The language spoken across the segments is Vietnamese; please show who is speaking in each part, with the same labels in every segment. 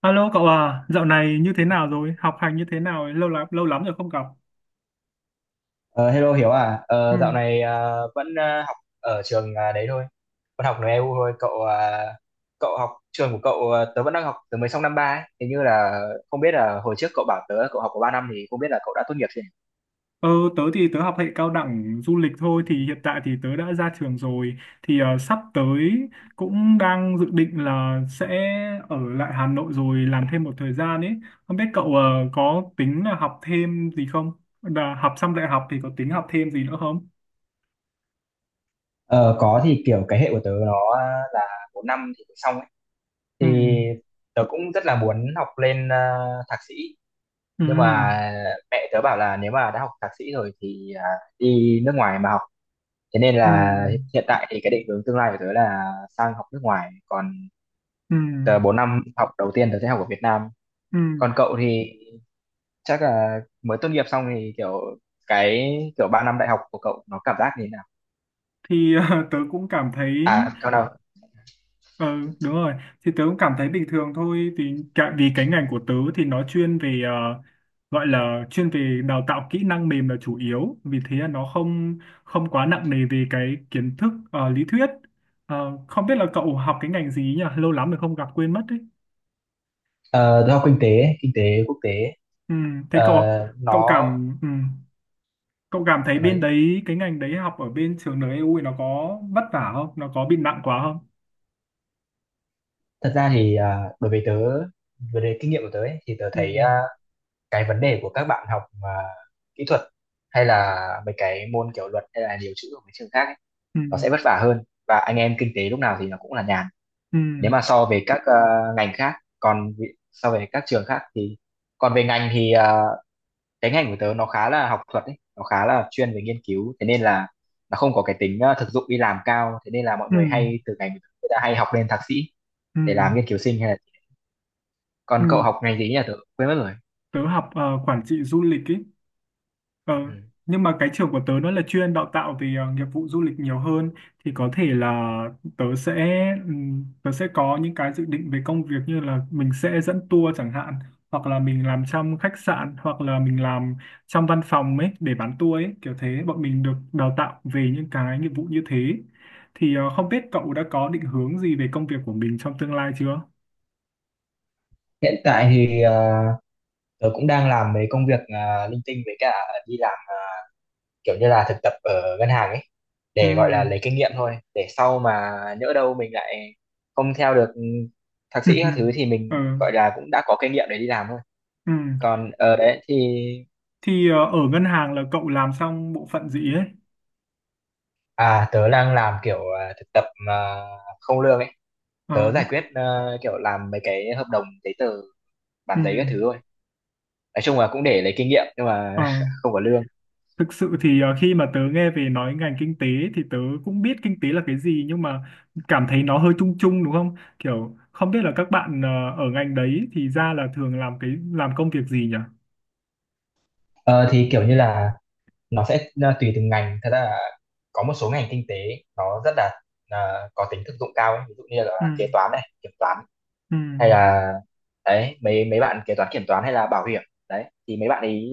Speaker 1: Alo cậu à, dạo này như thế nào rồi? Học hành như thế nào ấy? Lâu lắm rồi không gặp.
Speaker 2: Ờ, hello Hiếu à,
Speaker 1: Ừ.
Speaker 2: Dạo này à, vẫn à, học ở trường à, đấy thôi, vẫn học NEU thôi. Cậu à, cậu học trường của cậu à, tớ vẫn đang học, tớ mới xong năm ba ấy. Hình như là không biết là hồi trước cậu bảo tớ cậu học có 3 năm, thì không biết là cậu đã tốt nghiệp chưa nhỉ?
Speaker 1: Ờ, Tớ thì học hệ cao đẳng du lịch thôi thì hiện tại thì tớ đã ra trường rồi, thì sắp tới cũng đang dự định là sẽ ở lại Hà Nội rồi làm thêm một thời gian ấy. Không biết cậu có tính là học thêm gì không? Là học xong đại học thì có tính học thêm gì nữa không?
Speaker 2: Ờ, có, thì kiểu cái hệ của tớ nó là 4 năm thì mới xong ấy.
Speaker 1: Ừ.
Speaker 2: Thì tớ cũng rất là muốn học lên à, thạc sĩ,
Speaker 1: Ừ.
Speaker 2: nhưng mà mẹ tớ bảo là nếu mà đã học thạc sĩ rồi thì à, đi nước ngoài mà học, thế nên
Speaker 1: Ừ.
Speaker 2: là hiện tại thì cái định hướng tương lai của tớ là sang học nước ngoài, còn
Speaker 1: Ừ.
Speaker 2: tớ 4 năm học đầu tiên tớ sẽ học ở Việt Nam.
Speaker 1: Ừ.
Speaker 2: Còn cậu thì chắc là mới tốt nghiệp xong thì kiểu cái kiểu 3 năm đại học của cậu nó cảm giác như thế nào?
Speaker 1: Thì tớ cũng cảm thấy.
Speaker 2: À cậu nào.
Speaker 1: Ừ, đúng rồi. Thì tớ cũng cảm thấy bình thường thôi. Thì cả, vì cái ngành của tớ thì nó chuyên về gọi là chuyên về đào tạo kỹ năng mềm là chủ yếu. Vì thế là nó không không quá nặng nề về cái kiến thức lý thuyết. Ờ, không biết là cậu học cái ngành gì nhỉ? Lâu lắm rồi không gặp quên mất đấy.
Speaker 2: Ờ, tôi học kinh tế quốc tế.
Speaker 1: Ừ, thế
Speaker 2: Ờ,
Speaker 1: cậu cậu
Speaker 2: nó
Speaker 1: cảm ừ, cậu cảm thấy
Speaker 2: cậu
Speaker 1: bên
Speaker 2: nói,
Speaker 1: đấy cái ngành đấy học ở bên trường NEU nó có vất vả không? Nó có bị nặng quá không?
Speaker 2: thật ra thì à, đối với tớ, về đề kinh nghiệm của tớ ấy, thì tớ
Speaker 1: Ừ,
Speaker 2: thấy à, cái vấn đề của các bạn học mà kỹ thuật hay là mấy cái môn kiểu luật hay là điều chữ ở mấy trường khác ấy,
Speaker 1: ừ,
Speaker 2: nó sẽ vất vả hơn, và anh em kinh tế lúc nào thì nó cũng là nhàn
Speaker 1: ừ,
Speaker 2: nếu mà so về các ngành khác. Còn so về các trường khác thì, còn về ngành thì cái ngành của tớ nó khá là học thuật ấy, nó khá là chuyên về nghiên cứu, thế nên là nó không có cái tính thực dụng đi làm cao, thế nên là mọi
Speaker 1: ừ,
Speaker 2: người hay từ ngành của tớ người ta hay học lên thạc sĩ
Speaker 1: ừ.
Speaker 2: để
Speaker 1: Ừ.
Speaker 2: làm nghiên cứu sinh hay là, còn
Speaker 1: Ừ.
Speaker 2: cậu học ngành gì nhỉ, tớ quên mất rồi.
Speaker 1: Tớ học quản trị du lịch ý. Ờ,
Speaker 2: Ừ.
Speaker 1: nhưng mà cái trường của tớ nó là chuyên đào tạo về nghiệp vụ du lịch nhiều hơn, thì có thể là tớ sẽ tớ sẽ có những cái dự định về công việc như là mình sẽ dẫn tour chẳng hạn, hoặc là mình làm trong khách sạn, hoặc là mình làm trong văn phòng ấy để bán tour ấy, kiểu thế. Bọn mình được đào tạo về những cái nghiệp vụ như thế thì không biết cậu đã có định hướng gì về công việc của mình trong tương lai chưa?
Speaker 2: Hiện tại thì tớ cũng đang làm mấy công việc linh tinh, với cả đi làm kiểu như là thực tập ở ngân hàng ấy
Speaker 1: Ừ.
Speaker 2: để gọi là lấy kinh nghiệm thôi, để sau mà nhỡ đâu mình lại không theo được thạc sĩ các thứ thì
Speaker 1: Ừ.
Speaker 2: mình gọi là cũng đã có kinh nghiệm để đi làm thôi.
Speaker 1: Ừ.
Speaker 2: Còn ở đấy thì
Speaker 1: Thì ờ, ở ngân hàng là cậu làm xong bộ phận gì ấy?
Speaker 2: à tớ đang làm kiểu à, thực tập mà không lương ấy. Tớ
Speaker 1: Ờ,
Speaker 2: giải quyết kiểu làm mấy cái hợp đồng giấy tờ
Speaker 1: ừ,
Speaker 2: bản giấy các thứ thôi. Nói chung là cũng để lấy kinh nghiệm nhưng
Speaker 1: ờ.
Speaker 2: mà không có lương.
Speaker 1: Thực sự thì khi mà tớ nghe về nói ngành kinh tế thì tớ cũng biết kinh tế là cái gì, nhưng mà cảm thấy nó hơi chung chung đúng không? Kiểu không biết là các bạn ở ngành đấy thì ra là thường làm cái làm công việc gì nhỉ?
Speaker 2: Ờ, thì kiểu như là nó sẽ à, tùy từng ngành, thật ra là có một số ngành kinh tế nó rất là à, có tính thực dụng cao ấy. Ví dụ như là
Speaker 1: Ừ,
Speaker 2: kế toán này, kiểm toán
Speaker 1: ừ,
Speaker 2: hay là, đấy, mấy mấy bạn kế toán kiểm toán hay là bảo hiểm, đấy thì mấy bạn ấy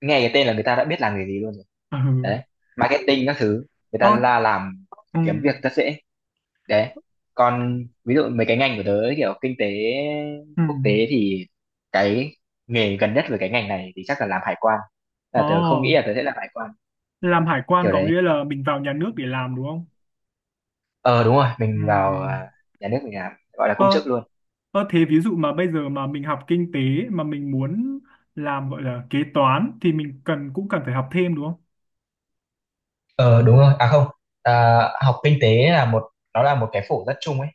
Speaker 2: nghe cái tên là người ta đã biết làm nghề gì luôn rồi,
Speaker 1: ừ,
Speaker 2: đấy, marketing các thứ, người
Speaker 1: Ơ,
Speaker 2: ta là làm,
Speaker 1: ừ,
Speaker 2: kiếm việc rất dễ, đấy. Còn ví dụ mấy cái ngành của tớ ấy, kiểu kinh tế
Speaker 1: ừ.
Speaker 2: quốc tế thì cái nghề gần nhất với cái ngành này thì chắc là làm hải quan,
Speaker 1: Ồ,
Speaker 2: là tớ không nghĩ là tớ sẽ làm hải quan,
Speaker 1: làm hải quan
Speaker 2: kiểu
Speaker 1: có
Speaker 2: đấy.
Speaker 1: nghĩa là mình vào nhà nước để làm đúng không?
Speaker 2: Ờ đúng rồi,
Speaker 1: Ừ.
Speaker 2: mình vào à, nhà nước mình làm gọi là công chức
Speaker 1: Ờ,
Speaker 2: luôn.
Speaker 1: ờ thế ví dụ mà bây giờ mà mình học kinh tế mà mình muốn làm gọi là kế toán thì mình cần cũng cần phải học thêm đúng không?
Speaker 2: Ờ đúng rồi, à không, à, học kinh tế là một, nó là một cái phổ rất chung ấy.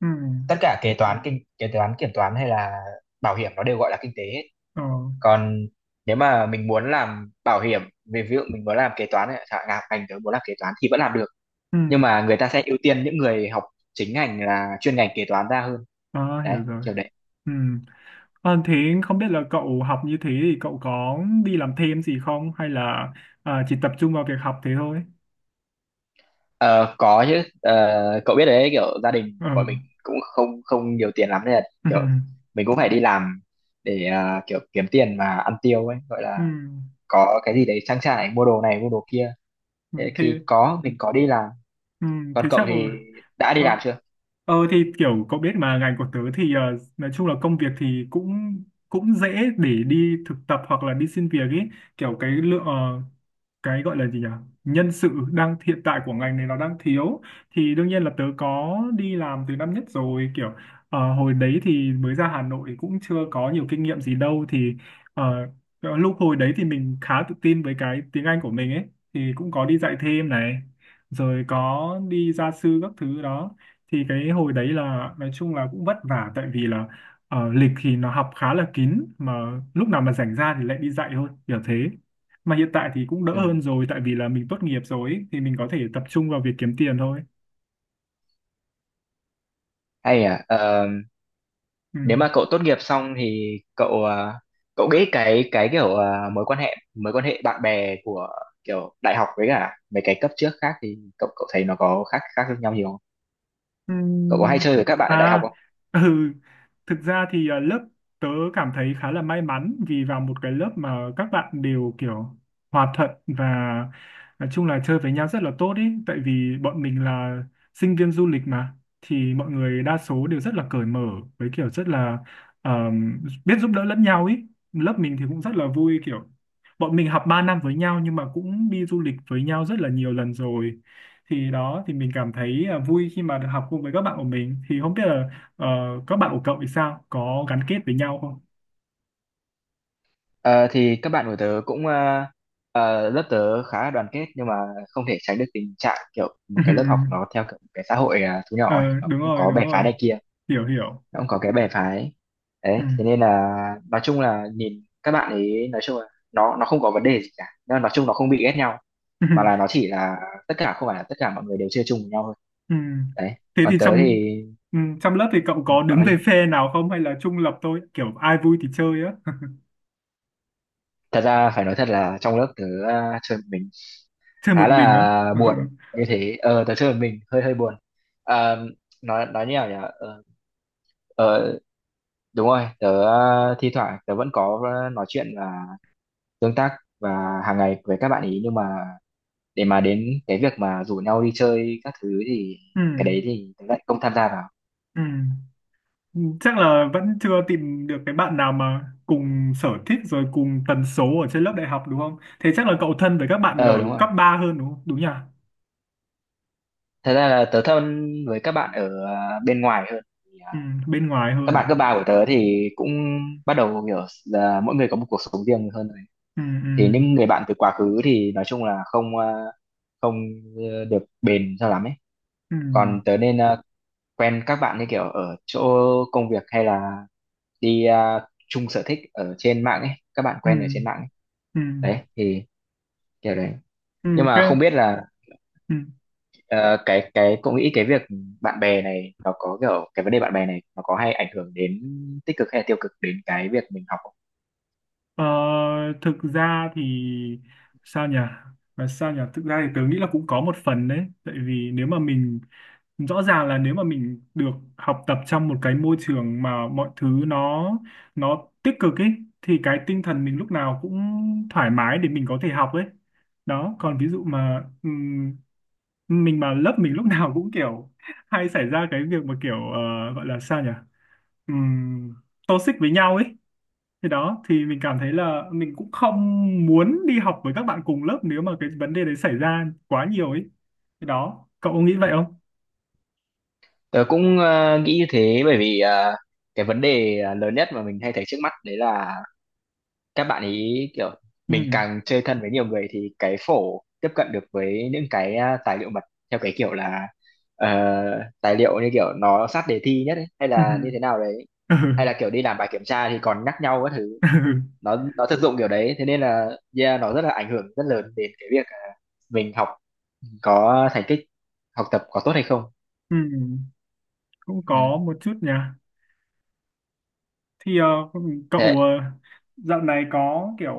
Speaker 1: Ừ.
Speaker 2: Tất cả kế Ừ. toán kinh kế toán kiểm toán hay là bảo hiểm nó đều gọi là kinh tế hết.
Speaker 1: Ờ.
Speaker 2: Còn nếu mà mình muốn làm bảo hiểm, về ví dụ mình muốn làm kế toán ấy, chẳng hạn ngành tớ muốn làm kế toán thì vẫn làm được.
Speaker 1: Ừ.
Speaker 2: Nhưng mà người ta sẽ ưu tiên những người học chính ngành là chuyên ngành kế toán ra hơn.
Speaker 1: À,
Speaker 2: Đấy,
Speaker 1: hiểu rồi.
Speaker 2: kiểu đấy.
Speaker 1: Ừ. Ờ, thế không biết là cậu học như thế thì cậu có đi làm thêm gì không hay là chỉ tập trung vào việc học thế thôi?
Speaker 2: Ờ, có chứ. Ờ, cậu biết đấy kiểu gia đình bọn
Speaker 1: Ừ.
Speaker 2: mình cũng không không nhiều tiền lắm nên là
Speaker 1: Ừ.
Speaker 2: kiểu mình cũng phải đi làm để kiểu kiếm tiền mà ăn tiêu ấy, gọi
Speaker 1: Ừ.
Speaker 2: là có cái gì đấy trang trải mua đồ này mua đồ kia.
Speaker 1: Ừ.
Speaker 2: Thế
Speaker 1: Thế,
Speaker 2: thì có, mình có đi làm.
Speaker 1: ừ.
Speaker 2: Còn
Speaker 1: Thế
Speaker 2: cậu
Speaker 1: chắc rồi.
Speaker 2: thì đã đi
Speaker 1: Ờ,
Speaker 2: làm chưa?
Speaker 1: Ờ thì kiểu cậu biết mà ngành của tớ thì nói chung là công việc thì cũng cũng dễ để đi thực tập hoặc là đi xin việc ý, kiểu cái lượng cái gọi là gì nhỉ, nhân sự đang hiện tại của ngành này nó đang thiếu, thì đương nhiên là tớ có đi làm từ năm nhất rồi, kiểu hồi đấy thì mới ra Hà Nội cũng chưa có nhiều kinh nghiệm gì đâu, thì ờ, lúc hồi đấy thì mình khá tự tin với cái tiếng Anh của mình ấy, thì cũng có đi dạy thêm này, rồi có đi gia sư các thứ đó, thì cái hồi đấy là nói chung là cũng vất vả tại vì là lịch thì nó học khá là kín, mà lúc nào mà rảnh ra thì lại đi dạy thôi kiểu thế. Mà hiện tại thì cũng đỡ
Speaker 2: Ừ.
Speaker 1: hơn rồi tại vì là mình tốt nghiệp rồi ấy, thì mình có thể tập trung vào việc kiếm tiền thôi.
Speaker 2: Hay à, Ờ,
Speaker 1: Ừ.
Speaker 2: nếu mà cậu tốt nghiệp xong thì cậu cậu nghĩ cái kiểu mối quan hệ bạn bè của kiểu đại học với cả mấy cái cấp trước khác thì cậu cậu thấy nó có khác khác nhau nhiều, cậu có hay
Speaker 1: Ừm,
Speaker 2: chơi với các bạn ở đại học
Speaker 1: à,
Speaker 2: không?
Speaker 1: ừ, thực ra thì lớp tớ cảm thấy khá là may mắn vì vào một cái lớp mà các bạn đều kiểu hòa thuận và nói chung là chơi với nhau rất là tốt ý. Tại vì bọn mình là sinh viên du lịch mà, thì mọi người đa số đều rất là cởi mở với kiểu rất là ờm, biết giúp đỡ lẫn nhau ý. Lớp mình thì cũng rất là vui, kiểu bọn mình học 3 năm với nhau nhưng mà cũng đi du lịch với nhau rất là nhiều lần rồi, thì đó thì mình cảm thấy vui khi mà được học cùng với các bạn của mình. Thì không biết là ờ, các bạn của cậu thì sao, có gắn kết với nhau không?
Speaker 2: Ờ, thì các bạn của tớ cũng lớp tớ khá là đoàn kết, nhưng mà không thể tránh được tình trạng kiểu một cái lớp học nó theo kiểu cái xã hội thu
Speaker 1: Ừ,
Speaker 2: nhỏ ấy,
Speaker 1: ờ,
Speaker 2: nó
Speaker 1: đúng
Speaker 2: cũng
Speaker 1: rồi
Speaker 2: có
Speaker 1: đúng
Speaker 2: bè phái
Speaker 1: rồi,
Speaker 2: này kia,
Speaker 1: hiểu hiểu,
Speaker 2: nó cũng có cái bè phái
Speaker 1: ừ.
Speaker 2: đấy, thế nên là nói chung là nhìn các bạn ấy nói chung là nó không có vấn đề gì cả, nhưng mà nói chung nó không bị ghét nhau, mà là nó chỉ là tất cả không phải là tất cả mọi người đều chơi chung với nhau thôi,
Speaker 1: Ừ. Ừ.
Speaker 2: đấy.
Speaker 1: Thế
Speaker 2: Còn
Speaker 1: thì
Speaker 2: tớ
Speaker 1: trong
Speaker 2: thì,
Speaker 1: ừ, trong lớp thì cậu
Speaker 2: ừ,
Speaker 1: có
Speaker 2: cậu
Speaker 1: đứng
Speaker 2: nói
Speaker 1: về
Speaker 2: đi,
Speaker 1: phe nào không hay là trung lập thôi, kiểu ai vui thì chơi á?
Speaker 2: thật ra phải nói thật là trong lớp tớ chơi một mình,
Speaker 1: Chơi
Speaker 2: khá
Speaker 1: một mình á?
Speaker 2: là buồn như thế, ờ tớ chơi một mình hơi hơi buồn. Ờ, nói như nào nhỉ, ờ, đúng rồi, tớ thi thoảng tớ vẫn có nói chuyện và tương tác và hàng ngày với các bạn ý, nhưng mà để mà đến cái việc mà rủ nhau đi chơi các thứ thì
Speaker 1: Ừ.
Speaker 2: cái đấy thì tớ lại không tham gia vào.
Speaker 1: Ừ. Ừ, chắc là vẫn chưa tìm được cái bạn nào mà cùng sở thích rồi cùng tần số ở trên lớp đại học đúng không? Thế chắc là cậu thân với các bạn ở
Speaker 2: Ờ đúng rồi,
Speaker 1: cấp ba hơn đúng không? Đúng nhỉ?
Speaker 2: thật ra là tớ thân với các bạn ở bên ngoài hơn. Thì, ờ,
Speaker 1: Ừ, bên ngoài
Speaker 2: các
Speaker 1: hơn
Speaker 2: bạn
Speaker 1: à?
Speaker 2: cấp ba của tớ thì cũng bắt đầu hiểu là mỗi người có một cuộc sống riêng hơn,
Speaker 1: Ừ, ừ,
Speaker 2: thì những người bạn từ quá khứ thì nói chung là không được bền cho lắm ấy.
Speaker 1: ừ,
Speaker 2: Còn tớ nên quen các bạn như kiểu ở chỗ công việc, hay là đi chung sở thích ở trên mạng ấy, các bạn
Speaker 1: ừ,
Speaker 2: quen ở trên mạng ấy,
Speaker 1: ừ, ừ,
Speaker 2: đấy thì kiểu đấy.
Speaker 1: ừ,
Speaker 2: Nhưng
Speaker 1: ok.
Speaker 2: mà không biết là
Speaker 1: Ừ.
Speaker 2: ờ, cái cậu nghĩ cái việc bạn bè này nó có kiểu cái vấn đề bạn bè này nó có hay ảnh hưởng đến tích cực hay là tiêu cực đến cái việc mình học không?
Speaker 1: Ờ, thực ra thì sao nhỉ? Và sao nhỉ? Thực ra thì tớ nghĩ là cũng có một phần đấy. Tại vì nếu mà mình rõ ràng là nếu mà mình được học tập trong một cái môi trường mà mọi thứ nó tích cực ấy, thì cái tinh thần mình lúc nào cũng thoải mái để mình có thể học ấy. Đó, còn ví dụ mà mình mà lớp mình lúc nào cũng kiểu hay xảy ra cái việc mà kiểu gọi là sao nhỉ? Ừm, Toxic với nhau ấy, thì đó thì mình cảm thấy là mình cũng không muốn đi học với các bạn cùng lớp nếu mà cái vấn đề đấy xảy ra quá nhiều ấy. Thì đó, cậu có nghĩ vậy không?
Speaker 2: Tớ cũng nghĩ như thế, bởi vì cái vấn đề à, lớn nhất mà mình hay thấy trước mắt đấy là các bạn ý kiểu
Speaker 1: Ừ.
Speaker 2: mình càng chơi thân với nhiều người thì cái phổ tiếp cận được với những cái à, tài liệu mật theo cái kiểu là ờ, tài liệu như kiểu nó sát đề thi nhất ấy, hay là như thế
Speaker 1: Ừ.
Speaker 2: nào đấy,
Speaker 1: Ừ.
Speaker 2: hay là kiểu đi làm bài kiểm tra thì còn nhắc nhau các thứ,
Speaker 1: Ừ.
Speaker 2: nó thực dụng kiểu đấy, thế nên là yeah, nó rất là ảnh hưởng rất lớn đến cái việc à, mình học có thành tích học tập có tốt hay không.
Speaker 1: Ừ. Cũng
Speaker 2: Ừ.
Speaker 1: có một chút nha. Thì ờ,
Speaker 2: Thế.
Speaker 1: cậu dạo này có kiểu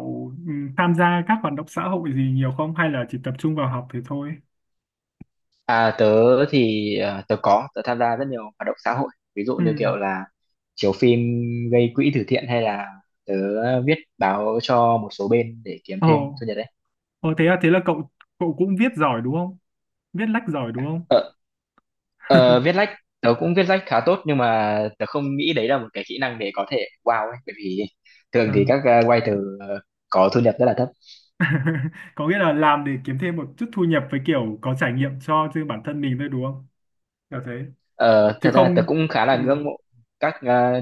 Speaker 1: ừ, tham gia các hoạt động xã hội gì nhiều không hay là chỉ tập trung vào học thì thôi?
Speaker 2: À, tớ thì à, tớ có tớ tham gia rất nhiều hoạt động xã hội, ví dụ
Speaker 1: Ừ.
Speaker 2: như kiểu là chiếu phim gây quỹ từ thiện, hay là tớ viết báo cho một số bên để kiếm
Speaker 1: Ồ,
Speaker 2: thêm thu nhập, đấy.
Speaker 1: ồ thế à, thế là cậu cậu cũng viết giỏi đúng không? Viết lách giỏi đúng không?
Speaker 2: ờ, viết lách, tớ cũng viết lách khá tốt, nhưng mà tớ không nghĩ đấy là một cái kỹ năng để có thể wow ấy, bởi vì thường thì
Speaker 1: À.
Speaker 2: các writer có thu nhập rất là thấp.
Speaker 1: Có nghĩa là làm để kiếm thêm một chút thu nhập với kiểu có trải nghiệm cho riêng bản thân mình thôi đúng không, kiểu thế,
Speaker 2: Ờ,
Speaker 1: chứ
Speaker 2: thật ra tớ
Speaker 1: không
Speaker 2: cũng khá là
Speaker 1: ừ.
Speaker 2: ngưỡng mộ các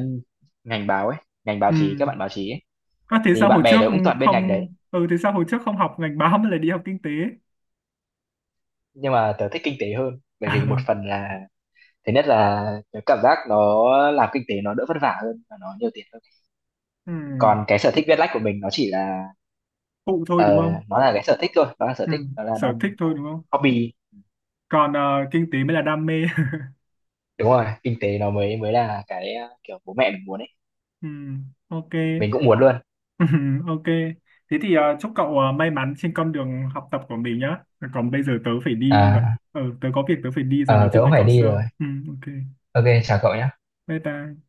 Speaker 2: ngành báo ấy, ngành báo
Speaker 1: Ừ.
Speaker 2: chí, các bạn báo chí ấy,
Speaker 1: À, thế
Speaker 2: thì
Speaker 1: sao
Speaker 2: bạn
Speaker 1: hồi trước
Speaker 2: bè tớ cũng toàn bên ngành
Speaker 1: không
Speaker 2: đấy,
Speaker 1: ừ thế sao hồi trước không học ngành báo mà lại đi học kinh tế?
Speaker 2: nhưng mà tớ thích kinh tế hơn, bởi vì một phần là thứ nhất là tớ cảm giác nó làm kinh tế nó đỡ vất vả hơn và nó nhiều tiền hơn.
Speaker 1: Ừ.
Speaker 2: Còn cái sở thích viết lách của mình nó chỉ là
Speaker 1: Phụ thôi đúng
Speaker 2: ờ,
Speaker 1: không?
Speaker 2: nó là cái sở thích thôi, nó là sở
Speaker 1: Ừ.
Speaker 2: thích, nó là
Speaker 1: Sở thích thôi đúng không,
Speaker 2: hobby.
Speaker 1: còn kinh tế mới là đam mê?
Speaker 2: Đúng rồi, kinh tế nó mới mới là cái kiểu bố mẹ mình muốn ấy,
Speaker 1: Ừ. Ok.
Speaker 2: mình cũng muốn luôn.
Speaker 1: Ừ. Ok, thế thì chúc cậu may mắn trên con đường học tập của mình nhá, còn bây giờ tớ phải đi rồi.
Speaker 2: À,
Speaker 1: Ừ tớ có việc tớ phải đi rồi, nói
Speaker 2: ờ, tớ
Speaker 1: chuyện
Speaker 2: cũng
Speaker 1: với
Speaker 2: phải
Speaker 1: cậu
Speaker 2: đi rồi,
Speaker 1: sau, ừ ok.
Speaker 2: ok chào cậu nhé.
Speaker 1: Bye bye.